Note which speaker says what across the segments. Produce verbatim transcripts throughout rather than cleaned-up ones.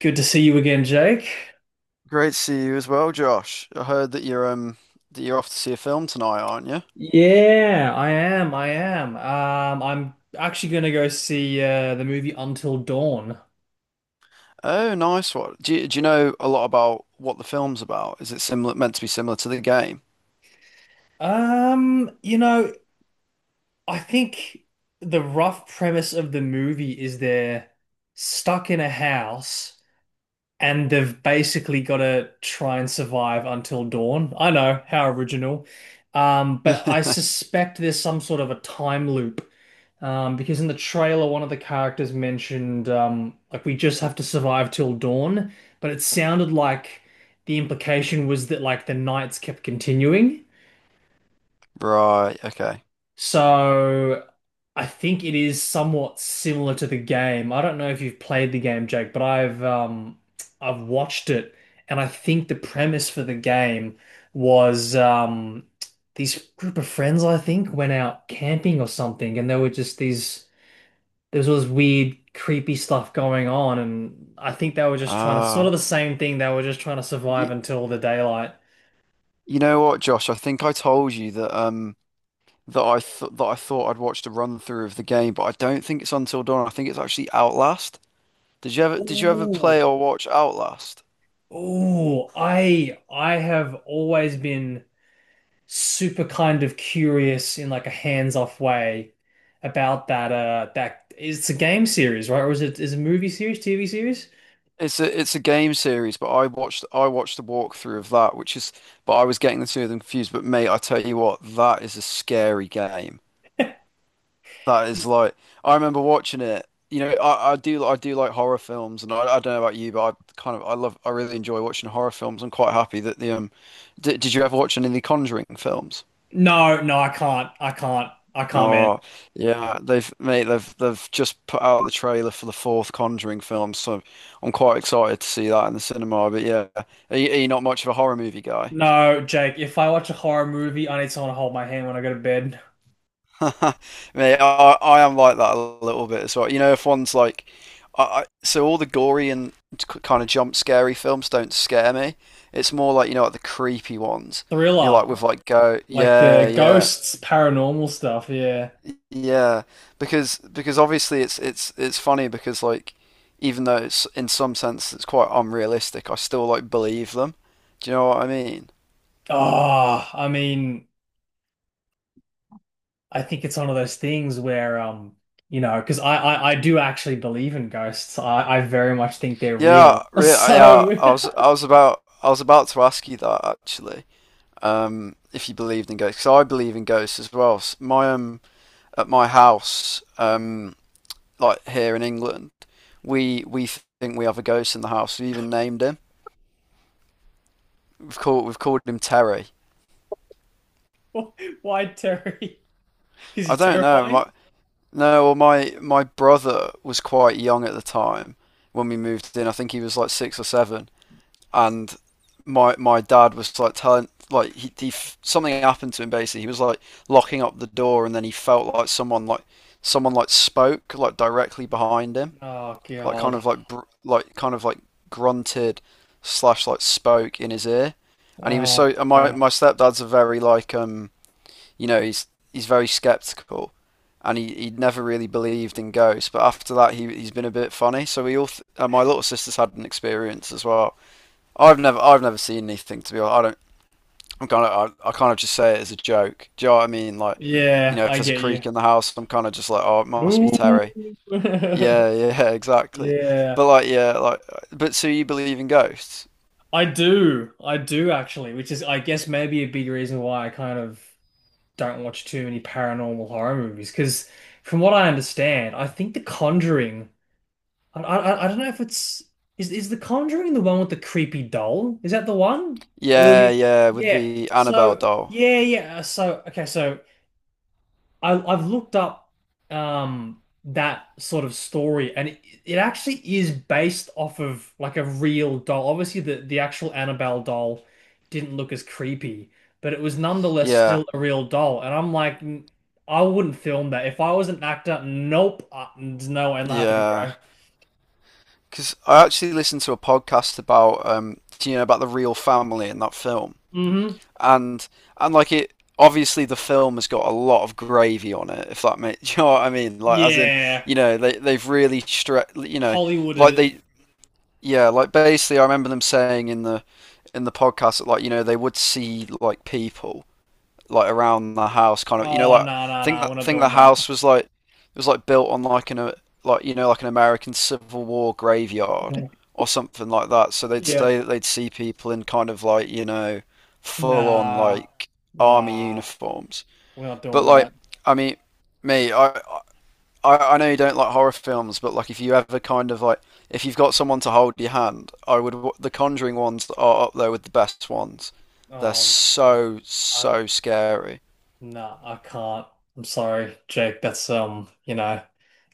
Speaker 1: Good to see you again, Jake.
Speaker 2: Great to see you as well, Josh. I heard that you're um that you're off to see a film tonight, aren't you?
Speaker 1: Yeah, I am. I am. Um, I'm actually gonna go see uh, the movie Until Dawn.
Speaker 2: Oh, nice one. Do you, do you know a lot about what the film's about? Is it similar meant to be similar to the game?
Speaker 1: Um, you know, I think the rough premise of the movie is they're stuck in a house and they've basically got to try and survive until dawn. I know, how original. Um, but I suspect there's some sort of a time loop. Um, because in the trailer, one of the characters mentioned, um, like, we just have to survive till dawn. But it sounded like the implication was that, like, the nights kept continuing.
Speaker 2: Right, okay.
Speaker 1: So I think it is somewhat similar to the game. I don't know if you've played the game, Jake, but I've um I've watched it and I think the premise for the game was um these group of friends I think went out camping or something and there were just these there was all this weird creepy stuff going on and I think they were just trying to sort of
Speaker 2: Ah,
Speaker 1: the same thing, they were just trying to survive
Speaker 2: y
Speaker 1: until the daylight.
Speaker 2: you know what, Josh? I think I told you that um that I th that I thought I'd watched a run through of the game, but I don't think it's Until Dawn. I think it's actually Outlast. Did you ever did you ever
Speaker 1: Ooh,
Speaker 2: play or watch Outlast?
Speaker 1: ooh, I I have always been super kind of curious in like a hands-off way about that uh that it's a game series, right? Or is it is it a movie series, T V series?
Speaker 2: It's a it's a game series, but I watched I watched the walkthrough of that, which is but I was getting the two of them confused. But mate, I tell you what, that is a scary game. That is like I remember watching it. You know, I, I do I do like horror films, and I, I don't know about you, but I kind of I love I really enjoy watching horror films. I'm quite happy that the um, did, did you ever watch any of the Conjuring films?
Speaker 1: No, no, I can't. I can't. I can't, man.
Speaker 2: Oh yeah, they've mate, they've they've just put out the trailer for the fourth Conjuring film, so I'm quite excited to see that in the cinema. But yeah, are you, are you not much of a horror movie guy?
Speaker 1: No, Jake, if I watch a horror movie, I need someone to hold my hand when I go to bed.
Speaker 2: Mate, I I am like that a little bit as well. You know, if one's like, I, I so all the gory and kind of jump scary films don't scare me. It's more like you know like the creepy ones. You know, like with
Speaker 1: Thriller,
Speaker 2: like go,
Speaker 1: like
Speaker 2: yeah,
Speaker 1: the
Speaker 2: yeah.
Speaker 1: ghosts, paranormal stuff, yeah.
Speaker 2: Yeah, because because obviously it's it's it's funny because like even though it's in some sense it's quite unrealistic, I still like believe them. Do you know what I mean?
Speaker 1: Oh, I mean, I think it's one of those things where, um, you know, because I, I I do actually believe in ghosts. I I very much think they're real.
Speaker 2: Yeah, really. Yeah,
Speaker 1: So
Speaker 2: I was I was about I was about to ask you that actually. Um, if you believed in ghosts, 'cause I believe in ghosts as well. S- My um at my house um like here in England, we we think we have a ghost in the house. We even named him. We've called we've called him Terry.
Speaker 1: why Terry? Because
Speaker 2: I
Speaker 1: he's
Speaker 2: don't
Speaker 1: terrifying.
Speaker 2: know. No, well, my my brother was quite young at the time when we moved in. I think he was like six or seven, and my my dad was like telling like he, he something happened to him basically. He was like locking up the door, and then he felt like someone like someone like spoke like directly behind him,
Speaker 1: Oh
Speaker 2: like kind
Speaker 1: God.
Speaker 2: of like br like kind of like grunted slash like spoke in his ear, and he was
Speaker 1: Oh
Speaker 2: so. And my
Speaker 1: no.
Speaker 2: my stepdad's a very like um you know, he's he's very skeptical, and he he never really believed in ghosts. But after that, he he's been a bit funny. So we all, th- uh, my little sister's had an experience as well. I've never I've never seen anything to be honest. I don't. I'm kind of I, I kind of just say it as a joke. Do you know what I mean? Like, you
Speaker 1: Yeah,
Speaker 2: know, if
Speaker 1: I
Speaker 2: there's a
Speaker 1: get you.
Speaker 2: creak in the house, I'm kind of just like, oh, it must be
Speaker 1: Ooh.
Speaker 2: Terry. Yeah, yeah, exactly.
Speaker 1: Yeah,
Speaker 2: But like, yeah, like, but so you believe in ghosts?
Speaker 1: I do. I do actually, which is I guess maybe a big reason why I kind of don't watch too many paranormal horror movies. Because from what I understand, I think The Conjuring. I, I I don't know if it's is is The Conjuring the one with the creepy doll? Is that the one?
Speaker 2: Yeah,
Speaker 1: Earlier.
Speaker 2: yeah, with
Speaker 1: Yeah.
Speaker 2: the Annabelle
Speaker 1: So
Speaker 2: doll.
Speaker 1: yeah, yeah. uh, So okay, so I I've looked up um that sort of story and it, it actually is based off of like a real doll. Obviously the the actual Annabelle doll didn't look as creepy, but it was nonetheless
Speaker 2: Yeah,
Speaker 1: still a real doll. And I'm like, "N- I wouldn't film that. If I was an actor, nope, uh, no, ain't happening,
Speaker 2: yeah.
Speaker 1: bro."
Speaker 2: Because I actually listened to a podcast about um, you know, about the real family in that film,
Speaker 1: Mhm.
Speaker 2: and and like it obviously the film has got a lot of gravy on it. If that makes you know what I mean, like as in
Speaker 1: Yeah,
Speaker 2: you know they they've really stretched you know
Speaker 1: Hollywooded
Speaker 2: like
Speaker 1: it.
Speaker 2: they yeah like basically I remember them saying in the in the podcast that like you know they would see like people like around the house, kind of you know
Speaker 1: Oh,
Speaker 2: like
Speaker 1: no, no,
Speaker 2: think
Speaker 1: no,
Speaker 2: that
Speaker 1: we're not
Speaker 2: think the
Speaker 1: doing that.
Speaker 2: house was like it was like built on like an a like you know like an American Civil War graveyard or something like that. So they'd
Speaker 1: Yep.
Speaker 2: say that they'd see people in kind of like you know full on
Speaker 1: Nah,
Speaker 2: like army
Speaker 1: nah,
Speaker 2: uniforms.
Speaker 1: we're not
Speaker 2: But
Speaker 1: doing
Speaker 2: like
Speaker 1: that.
Speaker 2: I mean, me I I, I know you don't like horror films, but like if you ever kind of like if you've got someone to hold your hand, I would w- the Conjuring ones are up there with the best ones. They're
Speaker 1: Oh man,
Speaker 2: so
Speaker 1: I
Speaker 2: so scary.
Speaker 1: nah, I can't. I'm sorry, Jake. That's um, you know,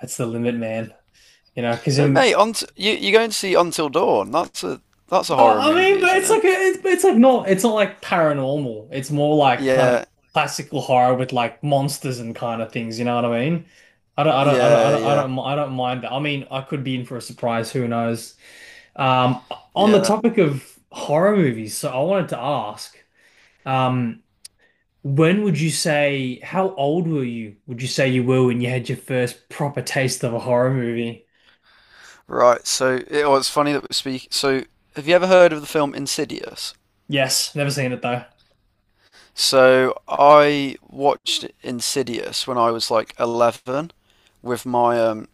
Speaker 1: that's the limit, man. You know, because
Speaker 2: But mate, on t- you you're going to see Until Dawn. That's a that's a
Speaker 1: Uh,
Speaker 2: horror
Speaker 1: I mean,
Speaker 2: movie,
Speaker 1: but
Speaker 2: isn't
Speaker 1: it's
Speaker 2: it?
Speaker 1: like a, it's, it's like not it's not like paranormal. It's more like kind of
Speaker 2: Yeah,
Speaker 1: classical horror with like monsters and kind of things. You know what I mean? I don't I don't I don't I
Speaker 2: yeah,
Speaker 1: don't I
Speaker 2: yeah,
Speaker 1: don't, mi- I don't mind that. I mean, I could be in for a surprise. Who knows? Um, on the
Speaker 2: yeah.
Speaker 1: topic of horror movies, so I wanted to ask, um, when would you say how old were you? Would you say you were when you had your first proper taste of a horror movie?
Speaker 2: Right. So it, was funny that we speak. So have you ever heard of the film Insidious?
Speaker 1: Yes, never seen it though.
Speaker 2: So I watched Insidious when I was like eleven with my um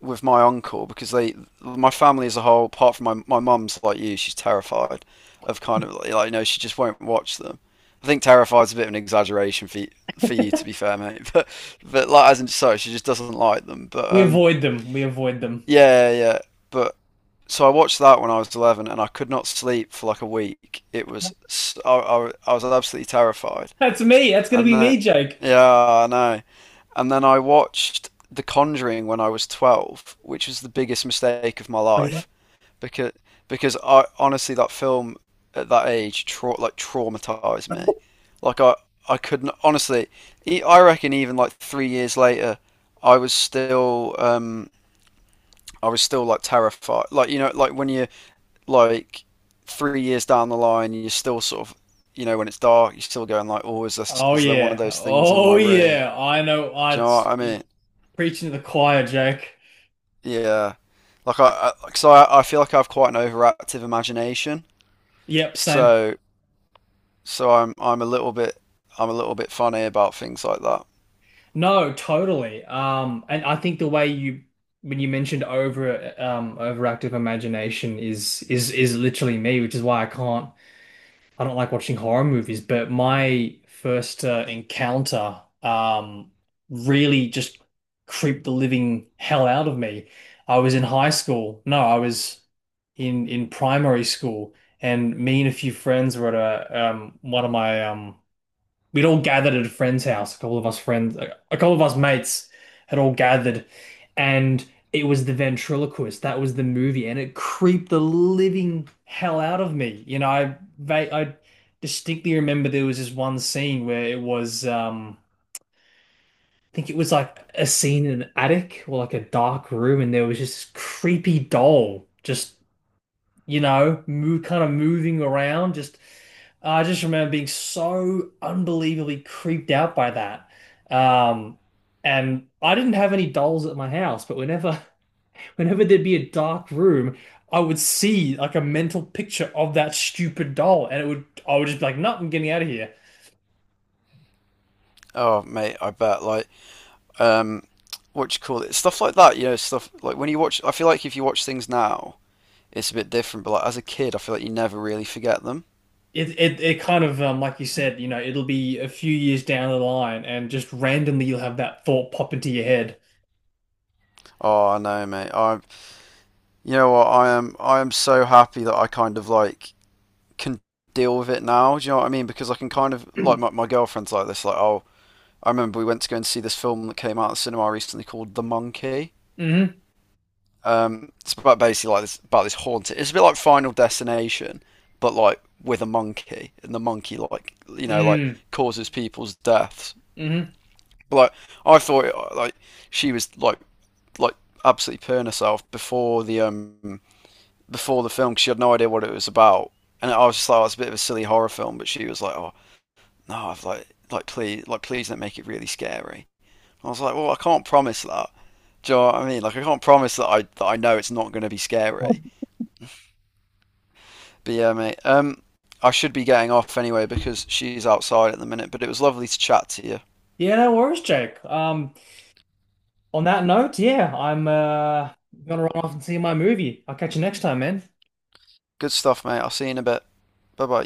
Speaker 2: with my uncle because they, my family as a whole, apart from my my mum's like you, she's terrified of kind of like you know she just won't watch them. I think terrified's a bit of an exaggeration for you, for you to be fair, mate. But but like as in so she just doesn't like them. But
Speaker 1: We
Speaker 2: um
Speaker 1: avoid them. We avoid them.
Speaker 2: yeah yeah. But so I watched that when I was eleven and I could not sleep for like a week. It was I I I was absolutely terrified.
Speaker 1: That's me. That's going to
Speaker 2: And
Speaker 1: be
Speaker 2: then,
Speaker 1: me, Jake.
Speaker 2: yeah, I know. And then I watched The Conjuring when I was twelve, which was the biggest mistake of my life because because I honestly that film at that age tra- like traumatized me. Like I I couldn't honestly e- I reckon even like three years later I was still um I was still like terrified. Like you know like when you like three years down the line, you're still sort of, you know, when it's dark, you're still going like, oh, is this
Speaker 1: Oh
Speaker 2: is there one of
Speaker 1: yeah.
Speaker 2: those things in my
Speaker 1: Oh
Speaker 2: room?
Speaker 1: yeah. I know.
Speaker 2: Do
Speaker 1: I
Speaker 2: you know what I mean?
Speaker 1: preaching to the choir, Jake.
Speaker 2: Yeah, like I, I like, so I, I feel like I have quite an overactive imagination,
Speaker 1: Yep, same.
Speaker 2: so so I'm I'm a little bit I'm a little bit funny about things like that.
Speaker 1: No, totally. Um, and I think the way you when you mentioned over um overactive imagination is is is literally me, which is why I can't, I don't like watching horror movies, but my first uh, encounter, um, really just creeped the living hell out of me. I was in high school. No, I was in in primary school, and me and a few friends were at a um, one of my um, we'd all gathered at a friend's house. A couple of us friends, a couple of us mates had all gathered, and it was The Ventriloquist. That was the movie, and it creeped the living hell out of me. You know, I va- I distinctly remember there was this one scene where it was, um, I think it was like a scene in an attic or like a dark room, and there was just this creepy doll just, you know, move kind of moving around. Just I just remember being so unbelievably creeped out by that. Um, and I didn't have any dolls at my house, but whenever whenever there'd be a dark room, I would see like a mental picture of that stupid doll, and it would I would just be like, "No, I'm getting out of here."
Speaker 2: Oh, mate, I bet like um, what you call it, stuff like that. You know, stuff like when you watch, I feel like if you watch things now, it's a bit different, but like as a kid, I feel like you never really forget them.
Speaker 1: It it it kind of, um, like you said, you know, it'll be a few years down the line, and just randomly you'll have that thought pop into your head.
Speaker 2: Oh, I know, mate. I You know what? I am I am so happy that I kind of like can deal with it now. Do you know what I mean? Because I can kind of like my, my girlfriend's like this. Like, oh, I remember we went to go and see this film that came out at the cinema recently called The Monkey.
Speaker 1: hmm.
Speaker 2: Um, it's about basically like this about this haunted. It's a bit like Final Destination, but like with a monkey, and the monkey like you know like
Speaker 1: Mm.
Speaker 2: causes people's deaths.
Speaker 1: Hmm.
Speaker 2: But like I thought like she was like like absolutely purring herself before the um before the film because she had no idea what it was about, and I was just like, oh, it's a bit of a silly horror film. But she was like, oh no, I've like like please like please don't make it really scary. And I was like, well, I can't promise that. Do you know what I mean? Like, I can't promise that I that I know it's not going to be scary. But yeah, mate. Um, I should be getting off anyway because she's outside at the minute. But it was lovely to chat to you.
Speaker 1: Yeah, no worries, Jake. Um, on that note, yeah, I'm uh gonna run off and see my movie. I'll catch you next time, man.
Speaker 2: Good stuff, mate. I'll see you in a bit. Bye bye.